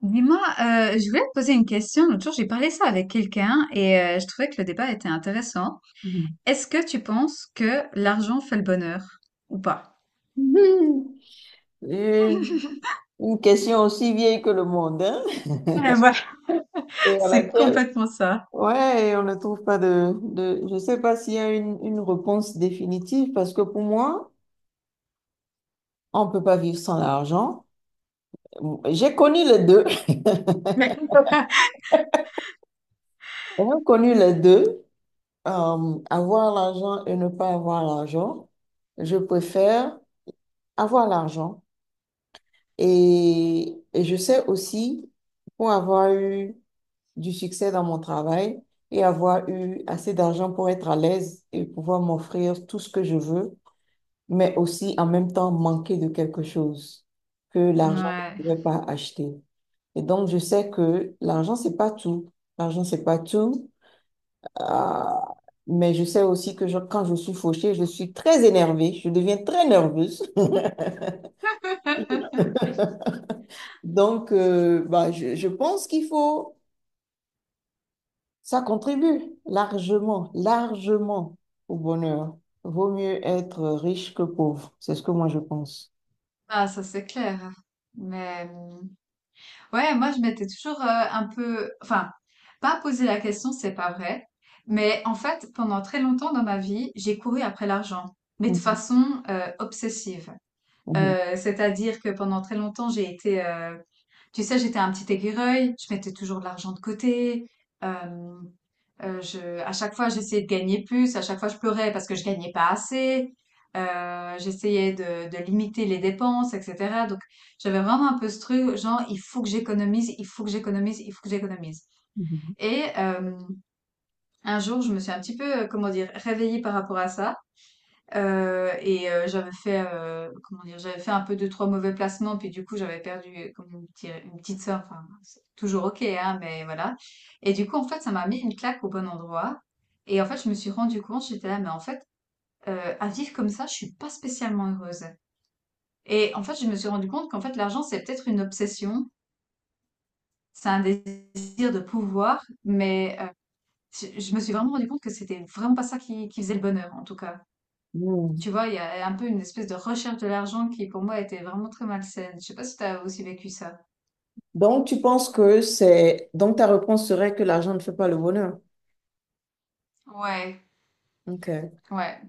Dis-moi, je voulais te poser une question. L'autre jour, j'ai parlé ça avec quelqu'un et je trouvais que le débat était intéressant. Mhm. Est-ce que tu penses que l'argent fait le bonheur ou pas? Une une question aussi vieille que le monde, hein, Ouais. et à C'est laquelle, complètement ça. ouais, et on ne trouve pas de je sais pas s'il y a une réponse définitive, parce que pour moi, on peut pas vivre sans l'argent. J'ai connu les deux. Mais- J'ai connu les deux, avoir l'argent et ne pas avoir l'argent, je préfère avoir l'argent. Et je sais aussi, pour avoir eu du succès dans mon travail et avoir eu assez d'argent pour être à l'aise et pouvoir m'offrir tout ce que je veux, mais aussi en même temps manquer de quelque chose que l'argent ne Ouais. pouvait pas acheter. Et donc, je sais que l'argent, c'est pas tout. L'argent, c'est pas tout. Euh, mais je sais aussi que quand je suis fauchée, je suis très énervée. Je deviens très nerveuse. Donc, bah, je pense qu'il faut ça contribue largement, largement au bonheur. Vaut mieux être riche que pauvre. C'est ce que moi je pense. Ah, ça c'est clair. Mais ouais, moi je m'étais toujours un peu, enfin, pas posé la question, c'est pas vrai. Mais en fait, pendant très longtemps dans ma vie, j'ai couru après l'argent, mais de Mhm, façon obsessive. mhm, C'est-à-dire que pendant très longtemps, j'ai été, tu sais, j'étais un petit écureuil, je mettais toujours de l'argent de côté, hem, je à chaque fois, j'essayais de gagner plus, à chaque fois, je pleurais parce que je gagnais pas assez, heu, j'essayais de limiter les dépenses et cetera, donc j'avais vraiment un peu ce truc genre: «Il faut que j'économise, il faut que j'économise, il faut que j'économise», mhm, et un jour, je me suis un petit peu, comment dire, réveillée par rapport à ça. J'avais comment dire? J'avais fait un peu deux trois mauvais placements, puis du coup, j'avais perdu comme une petite somme, enfin, c'est toujours OK, hein, mais voilà, et du coup, en fait, ça m'a mis une claque au bon endroit, et en fait, je me suis rendu compte, j'étais là: «Mais en fait, à vivre comme ça, je suis pas spécialement heureuse.» Et en fait, je me suis rendu compte qu'en fait, l'argent, c'est peut-être une obsession, c'est un désir de pouvoir, mais je me suis vraiment rendu compte que c'était vraiment pas ça qui faisait le bonheur, en tout cas. mhm. Tu vois, il y a un peu une espèce de recherche de l'argent qui, pour moi, était vraiment très malsaine. Je sais pas si t'as aussi vécu ça. Donc tu penses que c'est... Donc ta réponse serait que l'argent ne fait pas le bonheur. Ouais. Ok. Ouais.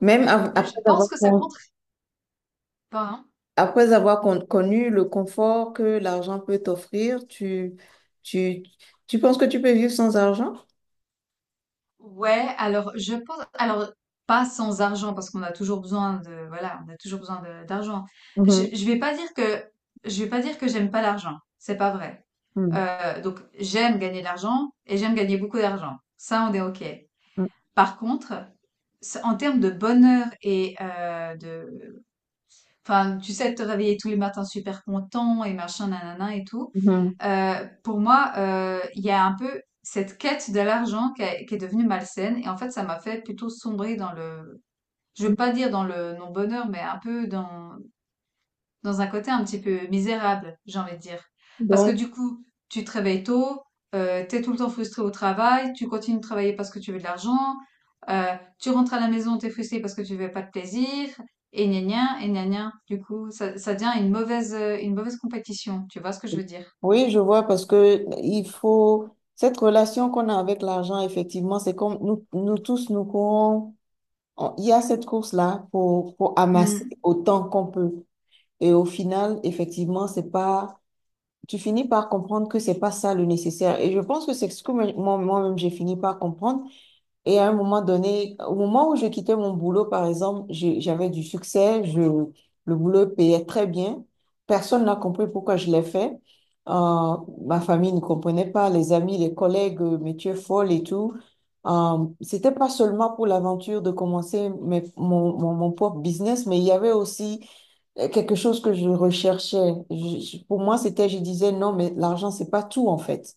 Même Mais après je avoir, pense que ça contribue pas, hein. après avoir connu le confort que l'argent peut t'offrir, tu, tu penses que tu peux vivre sans argent? Ouais. Alors, je pense, alors, pas sans argent, parce qu'on a toujours besoin de, voilà, on a toujours besoin de- d'argent. Mhm, Je vais pas dire que, je vais pas dire que j'aime pas l'argent. C'est pas vrai. mhm, Donc, j'aime gagner de l'argent et j'aime gagner beaucoup d'argent. Ça, on est OK. Par contre, ça- en termes de bonheur et de, enfin, tu sais, te réveiller tous les matins super content et machin, nanana et tout. mhm, Pour moi, il y a un peu cette quête de l'argent qui, a- qui est devenue malsaine. Et en fait, ça m'a fait plutôt sombrer dans le, je mhm. veux pas dire dans le non-bonheur, mais un peu dans, dans un côté un petit peu misérable, j'ai envie de dire. Parce que Donc, du coup, tu te réveilles tôt, t'es tout le temps frustré au travail, tu continues de travailler parce que tu veux de l'argent, euh, tu rentres à la maison, t'es frustré parce que tu veux pas de plaisir, et gna gna, et gna gna. Du coup, ça devient une mauvaise, une mauvaise compétition. Tu vois ce que je veux dire? oui, je vois parce que il faut cette relation qu'on a avec l'argent, effectivement, c'est comme nous, nous tous, nous courons. Il y a cette course-là pour amasser Hmm, autant qu'on peut. Et au final, effectivement, c'est pas, tu finis par comprendre que c'est pas ça le nécessaire. Et je pense que c'est ce que moi-même j'ai fini par comprendre. Et à un moment donné, au moment où je quittais mon boulot, par exemple, j'avais du succès, je, le boulot payait très bien. Personne n'a compris pourquoi je l'ai fait. Euh, Ma famille ne comprenait pas, les amis, les collègues, mais tu es folle et tout. C'était pas seulement pour l'aventure de commencer mon propre business, mais il y avait aussi quelque chose que je recherchais. Pour moi, c'était, je disais, non, mais l'argent, c'est pas tout, en fait.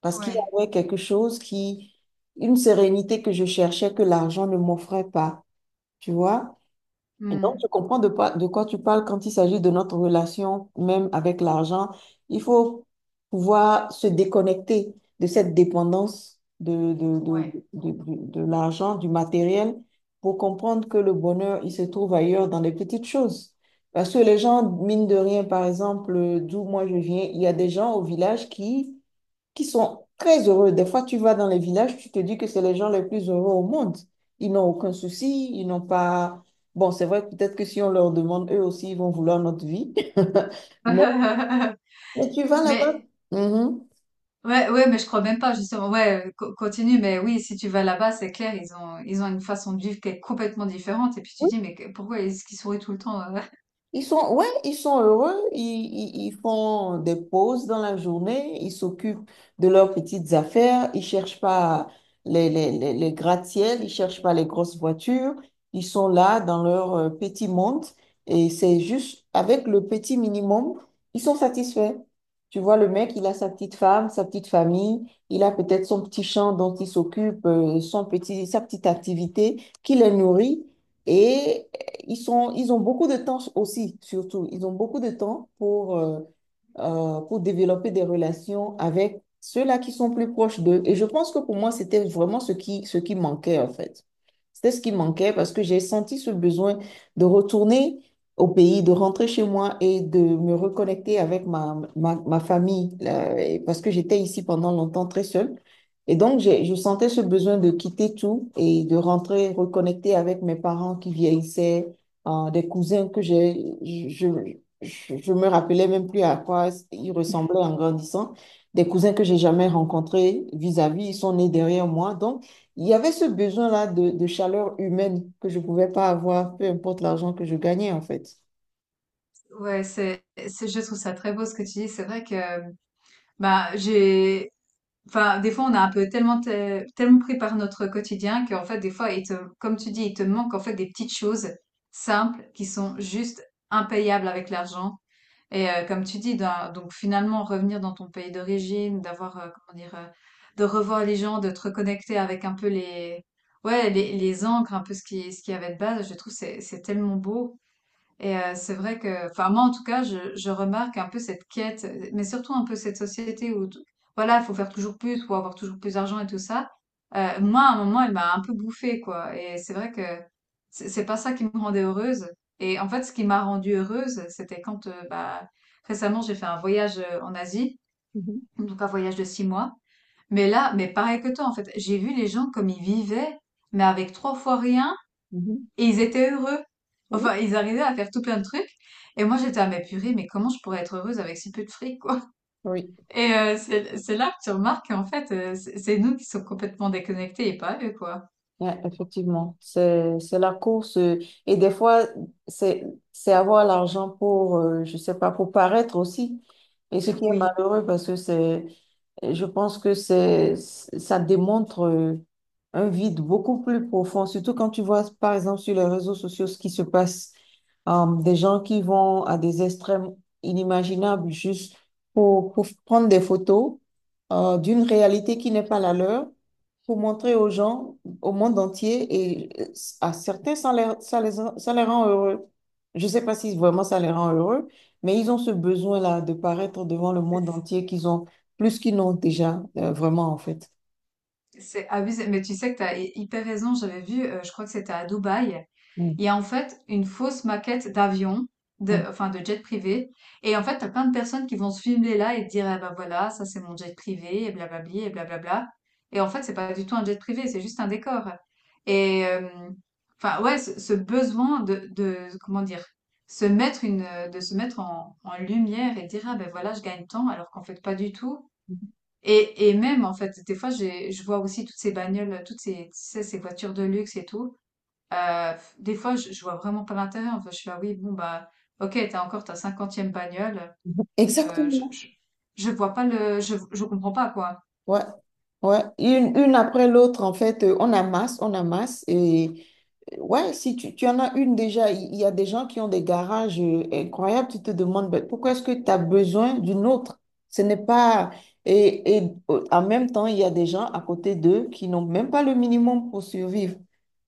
Parce qu'il y ouais. avait quelque chose qui, une sérénité que je cherchais que l'argent ne m'offrait pas, tu vois? Et donc, je Hmm. comprends de, pas- de quoi tu parles quand il s'agit de notre relation même avec l'argent. Il faut pouvoir se déconnecter de cette dépendance Ouais. De l'argent, du matériel, pour comprendre que le bonheur, il se trouve ailleurs dans les petites choses. Parce que les gens, mine de rien, par exemple, d'où moi je viens, il y a des gens au village qui sont très heureux. Des fois, tu vas dans les villages, tu te dis que c'est les gens les plus heureux au monde. Ils n'ont aucun souci, ils n'ont pas... Bon, c'est vrai, peut-être que si on leur demande, eux aussi, ils vont vouloir notre vie. Mais, mais tu vas là-bas. Mais Mhm. ouais, ouais, mais je crois même pas, justement. Ouais, co- continue, mais oui, si tu vas là-bas, c'est clair, ils ont une façon de vivre qui est complètement différente. Et puis tu dis, mais que- pourquoi est-ce qu'ils sourient tout le temps? Ils sont, ouais, ils sont heureux, ils, ils font des pauses dans la journée, ils s'occupent de leurs petites affaires, ils cherchent pas les gratte-ciels, ils cherchent pas les grosses voitures, ils sont là dans leur petit monde et c'est juste avec le petit minimum, ils sont satisfaits. Tu vois, le mec, il a sa petite femme, sa petite famille, il a peut-être son petit champ dont il s'occupe, son petit, sa petite activité qui les nourrit. Et ils sont, ils ont beaucoup de temps aussi, surtout. Ils ont beaucoup de temps pour développer des relations avec ceux-là qui sont plus proches d'eux. Et je pense que pour moi, c'était vraiment ce qui manquait, en fait. C'était ce qui manquait parce que j'ai senti ce besoin de retourner au pays, de rentrer chez moi et de me reconnecter avec ma famille, là, et parce que j'étais ici pendant longtemps très seule. Et donc, j'ai, je sentais ce besoin de quitter tout et de rentrer, reconnecter avec mes parents qui vieillissaient, des cousins que j'ai, je me rappelais même plus à quoi ils ressemblaient en grandissant. Des cousins que j'ai jamais rencontrés vis-à-vis, ils sont nés derrière moi. Donc, il y avait ce besoin-là de chaleur humaine que je ne pouvais pas avoir, peu importe l'argent que je gagnais, en fait. Ouais, c'est, je trouve ça très beau ce que tu dis. C'est vrai que, bah, j'ai, enfin, des fois, on a un peu tellement, te- tellement pris par notre quotidien qu'en fait, des fois, il te, comme tu dis, il te manque en fait des petites choses simples qui sont juste impayables avec l'argent. Et comme tu dis, d'un- donc finalement, revenir dans ton pays d'origine, comment dire? De revoir les gens, de te reconnecter avec un peu les, ouais, les ancres, un peu ce qui, ce qu'il y avait de base, je trouve que c'est tellement beau. Et c'est vrai que, enfin, moi en tout cas, je remarque un peu cette quête, mais surtout un peu cette société où t voilà, faut faire toujours plus, faut avoir toujours plus d'argent et tout ça. Moi à un moment, elle m'a un peu bouffée, quoi, et c'est vrai que c'est pas ça qui me rendait heureuse, et en fait, ce qui m'a rendue heureuse, c'était quand, récemment, j'ai fait un voyage, en Asie, Mhm, donc un voyage de 6 mois. Mais là, mais pareil que toi en fait, j'ai vu les gens comme ils vivaient, mais avec 3 fois rien, mhm. et ils étaient heureux. Oui, Enfin, ils arrivaient à faire tout plein de trucs. Et moi, j'étais à mais purée, mais comment je pourrais être heureuse avec si peu de fric, quoi? oui. Et c'est là que tu remarques qu'en fait, c'est nous qui sommes complètement déconnectés et pas eux, quoi. Ouais, effectivement, c'est la course et des fois c'est avoir l'argent pour je sais pas pour paraître aussi et ce qui est Oui, malheureux parce que c'est et je pense que c'est, ça démontre un vide beaucoup plus profond, surtout quand tu vois, par exemple, sur les réseaux sociaux ce qui se passe, des gens qui vont à des extrêmes inimaginables juste pour prendre des photos d'une réalité qui n'est pas la leur, pour montrer aux gens, au monde entier, et à certains, ça les rend heureux. Je ne sais pas si vraiment ça les rend heureux, mais ils ont ce besoin-là de paraître devant le monde c'est entier qu'ils ont plus qu'ils n'ont déjà vraiment, en fait. c'est abusé. Mais tu sais que tu as hyper raison. J'avais vu, je crois que c'était à Dubaï. Mm, Il y a en fait une fausse maquette d'avion, de, mm. enfin, de jet privé. Et en fait, t'as plein de personnes qui vont se filmer là et te dire, ah bah voilà, ça c'est mon jet privé, et blablabli, et blablabla. Et en fait, c'est pas du tout un jet privé, c'est juste un décor. Et enfin, ouais, ce besoin de, comment dire, se mettre une, de se mettre en, en lumière et dire, ah ben voilà, je gagne tant, alors qu'en fait, pas du tout. Et même, en fait, des fois, j'ai, je vois aussi toutes ces bagnoles, toutes ces, tu sais, ces voitures de luxe et tout. Des fois, je vois vraiment pas l'intérêt. Enfin, je suis là, oui, bon, bah, ok, t'as encore ta cinquantième bagnole. Je, Exactement. Je vois pas le, je comprends pas, quoi. Ouais. Ouais. Une après l'autre, en fait, on amasse, on amasse. Et ouais, si tu, tu en as une déjà, il y a des gens qui ont des garages incroyables, tu te demandes ben, pourquoi est-ce que tu as besoin d'une autre? Ce n'est pas. Et en même temps, il y a des gens à côté d'eux qui n'ont même pas le minimum pour survivre.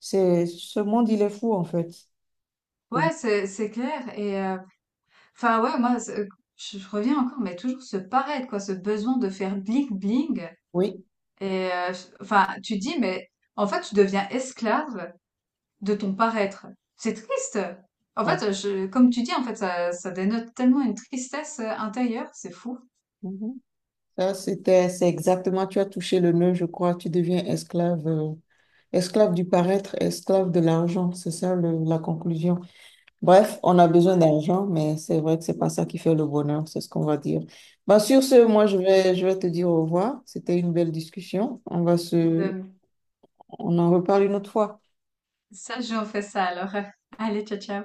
C'est, ce monde, il est fou, en fait. Et- Ouais, c'est clair. Enfin, ouais, moi, c'est- je reviens encore, mais toujours ce paraître, quoi, ce besoin de faire bling-bling. Oui. Et, euh, enfin, tu dis, mais en fait, tu deviens esclave de ton paraître. C'est triste. En Ouais. fait, je, comme tu dis, en fait, ça dénote tellement une tristesse intérieure, c'est fou. Mhm. Ça, c'était, c'est exactement, tu as touché le nœud, je crois, tu deviens esclave, esclave du paraître, esclave de l'argent, c'est ça la conclusion. Bref, on a besoin d'argent, mais c'est vrai que c'est pas ça qui fait le bonheur, c'est ce qu'on va dire. Bah, sur ce, moi, je vais te dire au revoir. C'était une belle discussion. On va se, Ouais. on en reparle une autre fois. Ça joue, on fait ça alors. Allez, ciao, ciao.